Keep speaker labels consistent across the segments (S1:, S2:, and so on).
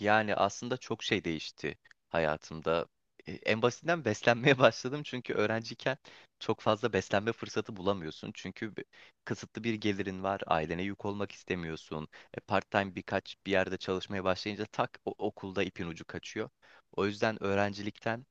S1: Yani aslında çok şey değişti hayatımda. En basitinden beslenmeye başladım çünkü öğrenciyken çok fazla beslenme fırsatı bulamıyorsun. Çünkü kısıtlı bir gelirin var, ailene yük olmak istemiyorsun. Part-time birkaç bir yerde çalışmaya başlayınca tak okulda ipin ucu kaçıyor. O yüzden öğrencilikten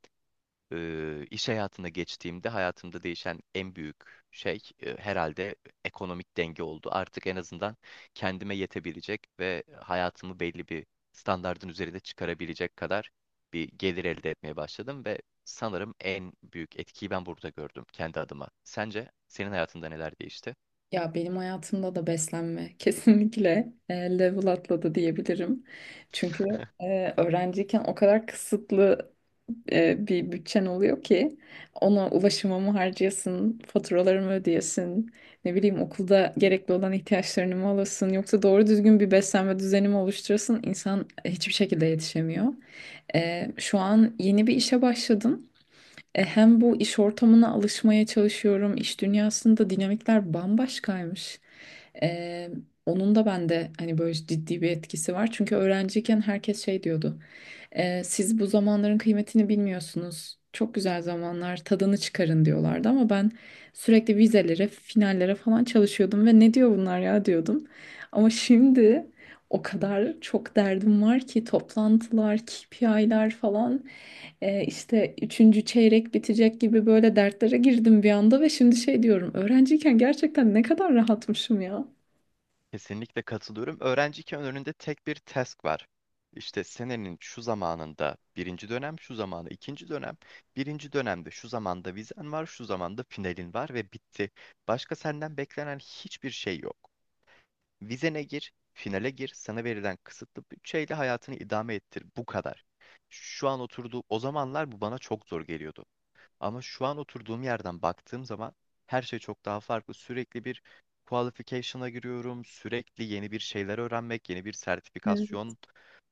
S1: iş hayatına geçtiğimde hayatımda değişen en büyük şey herhalde ekonomik denge oldu. Artık en azından kendime yetebilecek ve hayatımı belli bir standardın üzerinde çıkarabilecek kadar bir gelir elde etmeye başladım ve sanırım en büyük etkiyi ben burada gördüm kendi adıma. Sence senin hayatında neler değişti?
S2: Ya benim hayatımda da beslenme kesinlikle level atladı diyebilirim. Çünkü öğrenciyken o kadar kısıtlı bir bütçen oluyor ki ona ulaşımımı harcayasın, faturalarımı ödeyesin, ne bileyim okulda gerekli olan ihtiyaçlarını mı alasın yoksa doğru düzgün bir beslenme düzeni mi oluşturasın insan hiçbir şekilde yetişemiyor. Şu an yeni bir işe başladım. Hem bu iş ortamına alışmaya çalışıyorum. İş dünyasında dinamikler bambaşkaymış. E, Onun da bende hani böyle ciddi bir etkisi var. Çünkü öğrenciyken herkes şey diyordu. Siz bu zamanların kıymetini bilmiyorsunuz. Çok güzel zamanlar, tadını çıkarın diyorlardı ama ben sürekli vizelere, finallere falan çalışıyordum ve ne diyor bunlar ya diyordum. Ama şimdi o kadar çok derdim var ki toplantılar, KPI'ler falan, işte üçüncü çeyrek bitecek gibi böyle dertlere girdim bir anda ve şimdi şey diyorum öğrenciyken gerçekten ne kadar rahatmışım ya.
S1: Kesinlikle katılıyorum. Öğrenciyken önünde tek bir task var. İşte senenin şu zamanında birinci dönem, şu zamanı ikinci dönem, birinci dönemde şu zamanda vizen var, şu zamanda finalin var ve bitti. Başka senden beklenen hiçbir şey yok. Vizene gir, finale gir, sana verilen kısıtlı bütçeyle hayatını idame ettir. Bu kadar. Şu an oturduğu o zamanlar bu bana çok zor geliyordu. Ama şu an oturduğum yerden baktığım zaman her şey çok daha farklı. Sürekli bir qualification'a giriyorum. Sürekli yeni bir şeyler öğrenmek, yeni bir
S2: Evet.
S1: sertifikasyon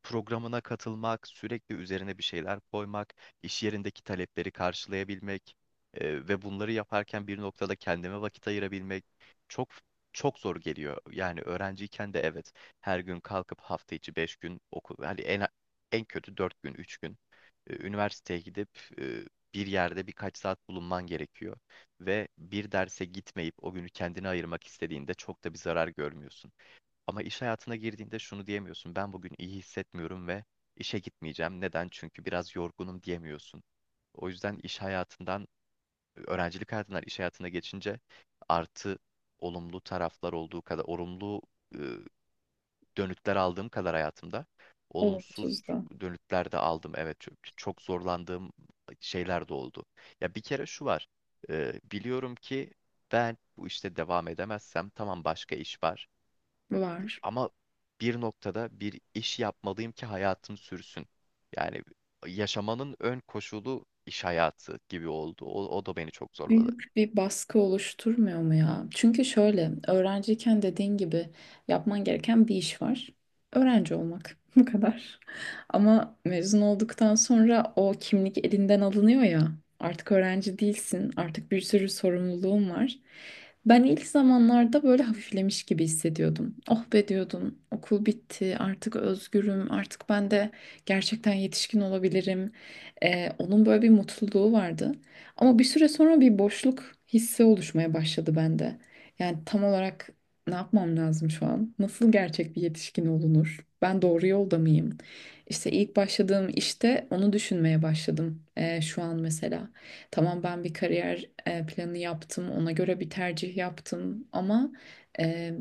S1: programına katılmak, sürekli üzerine bir şeyler koymak, iş yerindeki talepleri karşılayabilmek ve bunları yaparken bir noktada kendime vakit ayırabilmek çok çok zor geliyor. Yani öğrenciyken de evet her gün kalkıp hafta içi 5 gün okul, yani en kötü 4 gün, 3 gün üniversiteye gidip bir yerde birkaç saat bulunman gerekiyor. Ve bir derse gitmeyip o günü kendine ayırmak istediğinde çok da bir zarar görmüyorsun. Ama iş hayatına girdiğinde şunu diyemiyorsun. Ben bugün iyi hissetmiyorum ve işe gitmeyeceğim. Neden? Çünkü biraz yorgunum diyemiyorsun. O yüzden öğrencilik hayatından iş hayatına geçince artı olumlu taraflar olduğu kadar, olumlu dönütler aldığım kadar hayatımda
S2: Olumsuz
S1: olumsuz
S2: da
S1: dönütler de aldım. Evet çok, çok zorlandığım şeyler de oldu. Ya bir kere şu var. Biliyorum ki ben bu işte devam edemezsem tamam başka iş var.
S2: var.
S1: Ama bir noktada bir iş yapmalıyım ki hayatım sürsün. Yani yaşamanın ön koşulu iş hayatı gibi oldu. O da beni çok zorladı.
S2: Büyük bir baskı oluşturmuyor mu ya? Çünkü şöyle öğrenciyken dediğin gibi yapman gereken bir iş var. Öğrenci olmak bu kadar. Ama mezun olduktan sonra o kimlik elinden alınıyor ya. Artık öğrenci değilsin. Artık bir sürü sorumluluğun var. Ben ilk zamanlarda böyle hafiflemiş gibi hissediyordum. Oh be diyordum. Okul bitti. Artık özgürüm. Artık ben de gerçekten yetişkin olabilirim. Onun böyle bir mutluluğu vardı. Ama bir süre sonra bir boşluk hissi oluşmaya başladı bende. Yani tam olarak ne yapmam lazım şu an? Nasıl gerçek bir yetişkin olunur? Ben doğru yolda mıyım? İşte ilk başladığım işte onu düşünmeye başladım şu an mesela. Tamam ben bir kariyer planı yaptım, ona göre bir tercih yaptım ama eee,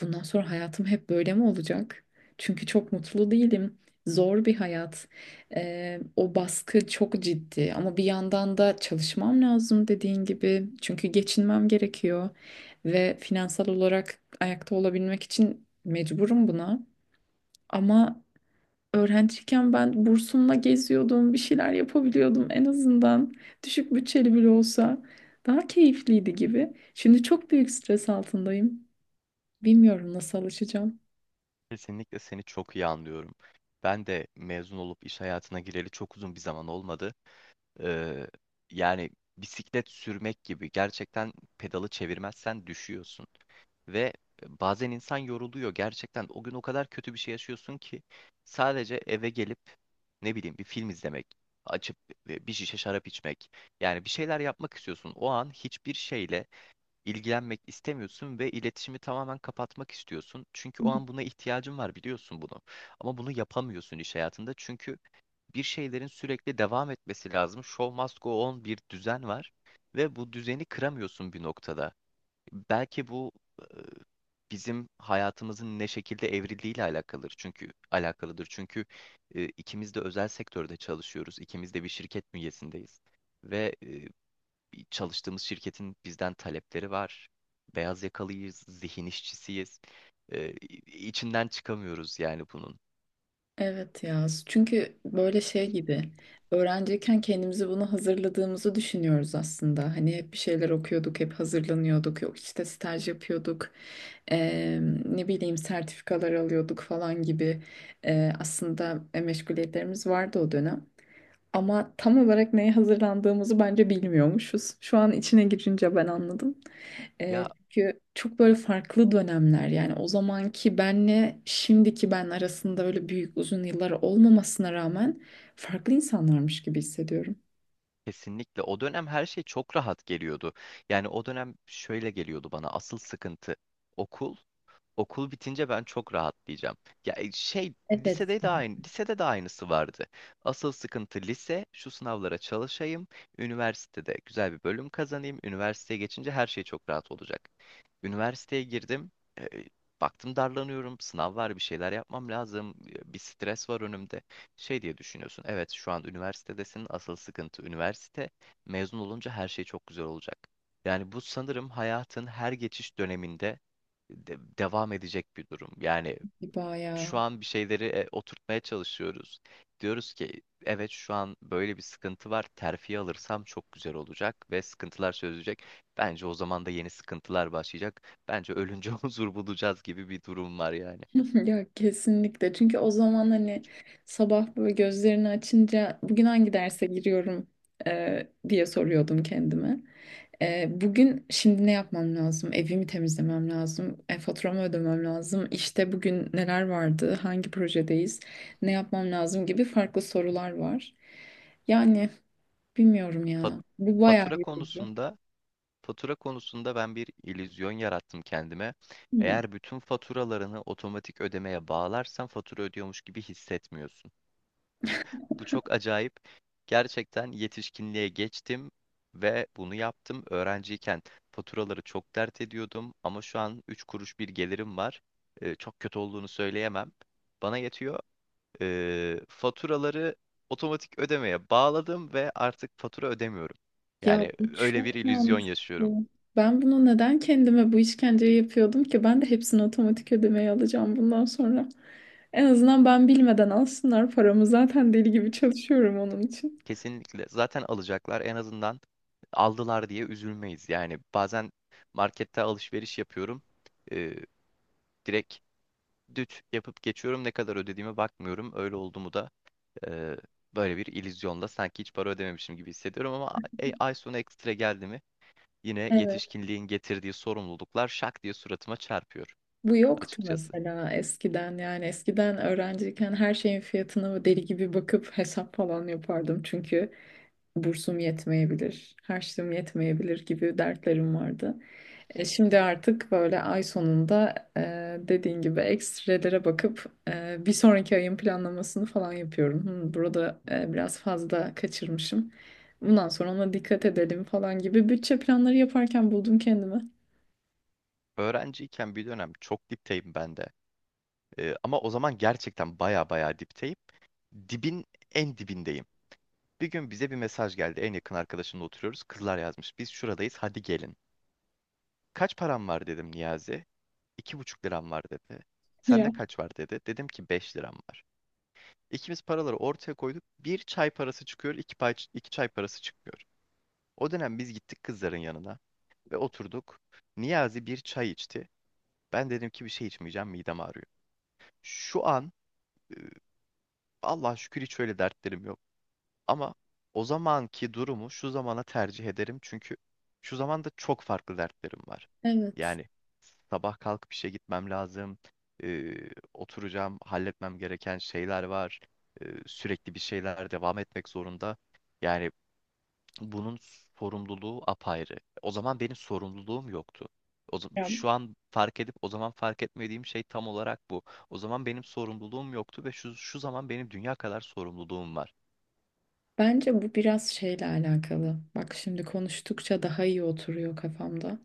S2: bundan sonra hayatım hep böyle mi olacak? Çünkü çok mutlu değilim. Zor bir hayat. O baskı çok ciddi ama bir yandan da çalışmam lazım dediğin gibi. Çünkü geçinmem gerekiyor ve finansal olarak ayakta olabilmek için mecburum buna. Ama öğrenciyken ben bursumla geziyordum, bir şeyler yapabiliyordum en azından. Düşük bütçeli bile olsa daha keyifliydi gibi. Şimdi çok büyük stres altındayım. Bilmiyorum nasıl alışacağım.
S1: Kesinlikle seni çok iyi anlıyorum. Ben de mezun olup iş hayatına gireli çok uzun bir zaman olmadı. Ee, yani bisiklet sürmek gibi gerçekten pedalı çevirmezsen düşüyorsun. Ve bazen insan yoruluyor gerçekten. O gün o kadar kötü bir şey yaşıyorsun ki sadece eve gelip ne bileyim bir film izlemek, açıp bir şişe şarap içmek. Yani bir şeyler yapmak istiyorsun. O an hiçbir şeyle ilgilenmek istemiyorsun ve iletişimi tamamen kapatmak istiyorsun. Çünkü o an buna ihtiyacın var biliyorsun bunu. Ama bunu yapamıyorsun iş hayatında çünkü bir şeylerin sürekli devam etmesi lazım. Show must go on bir düzen var ve bu düzeni kıramıyorsun bir noktada. Belki bu e, bizim hayatımızın ne şekilde evrildiğiyle alakalıdır. Çünkü alakalıdır. Çünkü ikimiz de özel sektörde çalışıyoruz. İkimiz de bir şirket bünyesindeyiz. Ve bir çalıştığımız şirketin bizden talepleri var. Beyaz yakalıyız, zihin işçisiyiz. Ee, içinden çıkamıyoruz yani bunun.
S2: Evet ya. Çünkü böyle şey gibi öğrenciyken kendimizi bunu hazırladığımızı düşünüyoruz aslında. Hani hep bir şeyler okuyorduk, hep hazırlanıyorduk. Yok işte staj yapıyorduk. eee, Ne bileyim sertifikalar alıyorduk falan gibi. Aslında meşguliyetlerimiz vardı o dönem. Ama tam olarak neye hazırlandığımızı bence bilmiyormuşuz. Şu an içine girince ben anladım.
S1: Ya
S2: Çünkü çok böyle farklı dönemler yani o zamanki benle şimdiki ben arasında öyle büyük uzun yıllar olmamasına rağmen farklı insanlarmış gibi hissediyorum.
S1: kesinlikle o dönem her şey çok rahat geliyordu. Yani o dönem şöyle geliyordu bana asıl sıkıntı okul. Okul bitince ben çok rahatlayacağım. Ya
S2: Evet.
S1: lisede de aynı, lisede de aynısı vardı. Asıl sıkıntı lise, şu sınavlara çalışayım, üniversitede güzel bir bölüm kazanayım, üniversiteye geçince her şey çok rahat olacak. Üniversiteye girdim, e, baktım darlanıyorum, sınav var, bir şeyler yapmam lazım, bir stres var önümde. Şey diye düşünüyorsun, evet şu an üniversitedesin, asıl sıkıntı üniversite, mezun olunca her şey çok güzel olacak. Yani bu sanırım hayatın her geçiş döneminde devam edecek bir durum. Yani şu
S2: Bayağı.
S1: an bir şeyleri oturtmaya çalışıyoruz. Diyoruz ki evet şu an böyle bir sıkıntı var. Terfi alırsam çok güzel olacak ve sıkıntılar çözülecek. Bence o zaman da yeni sıkıntılar başlayacak. Bence ölünce huzur bulacağız gibi bir durum var yani.
S2: Ya kesinlikle çünkü o zaman hani sabah böyle gözlerini açınca bugün hangi derse giriyorum diye soruyordum kendime. Bugün şimdi ne yapmam lazım? Evimi temizlemem lazım. Faturamı ödemem lazım. İşte bugün neler vardı? Hangi projedeyiz? Ne yapmam lazım gibi farklı sorular var. Yani bilmiyorum
S1: Fa-
S2: ya. Bu bayağı
S1: Fatura
S2: yorucu.
S1: konusunda Fatura konusunda ben bir illüzyon yarattım kendime.
S2: Hmm.
S1: Eğer bütün faturalarını otomatik ödemeye bağlarsan fatura ödüyormuş gibi hissetmiyorsun. Bu çok acayip. Gerçekten yetişkinliğe geçtim ve bunu yaptım. Öğrenciyken faturaları çok dert ediyordum ama şu an 3 kuruş bir gelirim var. Çok kötü olduğunu söyleyemem. Bana yetiyor. Faturaları otomatik ödemeye bağladım ve artık fatura ödemiyorum.
S2: Ya
S1: Yani
S2: bu
S1: öyle bir
S2: çok
S1: illüzyon
S2: mantıklı.
S1: yaşıyorum.
S2: Ben bunu neden kendime bu işkenceyi yapıyordum ki? Ben de hepsini otomatik ödemeye alacağım bundan sonra. En azından ben bilmeden alsınlar paramı. Zaten deli gibi çalışıyorum onun için.
S1: Kesinlikle. Zaten alacaklar en azından aldılar diye üzülmeyiz. Yani bazen markette alışveriş yapıyorum. Ee, direkt düt yapıp geçiyorum. Ne kadar ödediğime bakmıyorum. Öyle oldu mu da e, böyle bir illüzyonla sanki hiç para ödememişim gibi hissediyorum ama ay sonu ekstra geldi mi yine yetişkinliğin getirdiği sorumluluklar şak diye suratıma çarpıyor
S2: Bu yoktu
S1: açıkçası.
S2: mesela eskiden yani eskiden öğrenciyken her şeyin fiyatına deli gibi bakıp hesap falan yapardım çünkü bursum yetmeyebilir, harçlığım yetmeyebilir gibi dertlerim vardı. Şimdi artık böyle ay sonunda dediğin gibi ekstrelere bakıp bir sonraki ayın planlamasını falan yapıyorum. Hmm, burada biraz fazla kaçırmışım. Bundan sonra ona dikkat edelim falan gibi bütçe planları yaparken buldum kendimi.
S1: Öğrenciyken bir dönem çok dipteyim ben de. Ama o zaman gerçekten baya baya dipteyim. Dibin en dibindeyim. Bir gün bize bir mesaj geldi. En yakın arkadaşımla oturuyoruz. Kızlar yazmış. Biz şuradayız. Hadi gelin. Kaç param var dedim Niyazi. 2,5 liram var dedi. Sende
S2: Ya.
S1: kaç var dedi. Dedim ki 5 liram var. İkimiz paraları ortaya koyduk. Bir çay parası çıkıyor, iki, pay, iki çay parası çıkıyor. O dönem biz gittik kızların yanına ve oturduk. Niyazi bir çay içti. Ben dedim ki bir şey içmeyeceğim, midem ağrıyor. Şu an e, Allah'a şükür hiç öyle dertlerim yok. Ama o zamanki durumu şu zamana tercih ederim çünkü şu zamanda çok farklı dertlerim var.
S2: Evet.
S1: Yani sabah kalkıp işe gitmem lazım, e, oturacağım, halletmem gereken şeyler var, sürekli bir şeyler devam etmek zorunda. Yani bunun sorumluluğu apayrı. O zaman benim sorumluluğum yoktu. O zaman, şu an fark edip o zaman fark etmediğim şey tam olarak bu. O zaman benim sorumluluğum yoktu ve şu zaman benim dünya kadar sorumluluğum var.
S2: Bence bu biraz şeyle alakalı. Bak şimdi konuştukça daha iyi oturuyor kafamda.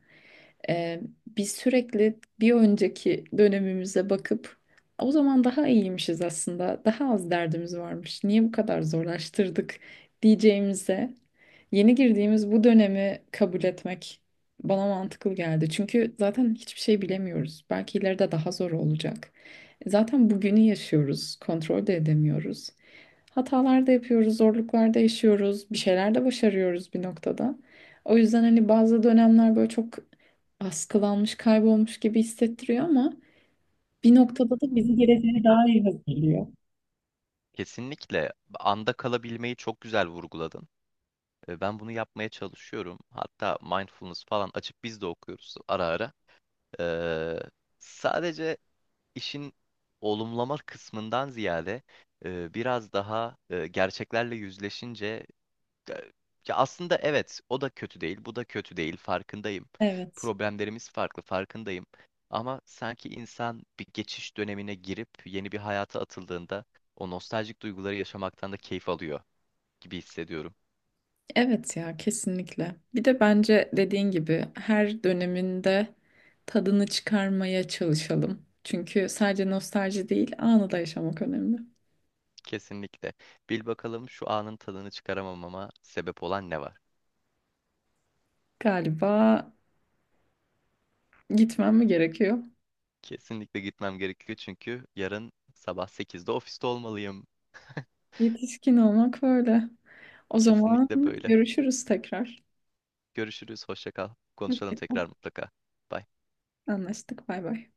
S2: Ee, Biz sürekli bir önceki dönemimize bakıp o zaman daha iyiymişiz aslında. Daha az derdimiz varmış. Niye bu kadar zorlaştırdık diyeceğimize yeni girdiğimiz bu dönemi kabul etmek bana mantıklı geldi. Çünkü zaten hiçbir şey bilemiyoruz. Belki ileride daha zor olacak. Zaten bugünü yaşıyoruz, kontrol de edemiyoruz. Hatalar da yapıyoruz, zorluklar da yaşıyoruz, bir şeyler de başarıyoruz bir noktada. O yüzden hani bazı dönemler böyle çok askılanmış, kaybolmuş gibi hissettiriyor ama bir noktada da bizi geleceğe daha iyi hazırlıyor.
S1: Kesinlikle anda kalabilmeyi çok güzel vurguladın. Ben bunu yapmaya çalışıyorum. Hatta mindfulness falan açıp biz de okuyoruz ara ara. Ee, sadece işin olumlama kısmından ziyade biraz daha gerçeklerle yüzleşince ya ya aslında evet, o da kötü değil, bu da kötü değil, farkındayım.
S2: Evet.
S1: Problemlerimiz farklı, farkındayım. Ama sanki insan bir geçiş dönemine girip yeni bir hayata atıldığında o nostaljik duyguları yaşamaktan da keyif alıyor gibi hissediyorum.
S2: Evet ya kesinlikle. Bir de bence dediğin gibi her döneminde tadını çıkarmaya çalışalım. Çünkü sadece nostalji değil, anı da yaşamak önemli.
S1: Kesinlikle. Bil bakalım şu anın tadını çıkaramamama sebep olan ne var?
S2: Galiba gitmem mi gerekiyor?
S1: Kesinlikle gitmem gerekiyor çünkü yarın sabah 8'de ofiste olmalıyım.
S2: Yetişkin olmak böyle. O zaman
S1: Kesinlikle böyle.
S2: görüşürüz tekrar.
S1: Görüşürüz, hoşça kal.
S2: Hoşça
S1: Konuşalım
S2: kal.
S1: tekrar mutlaka. Bye.
S2: Anlaştık. Bay bay.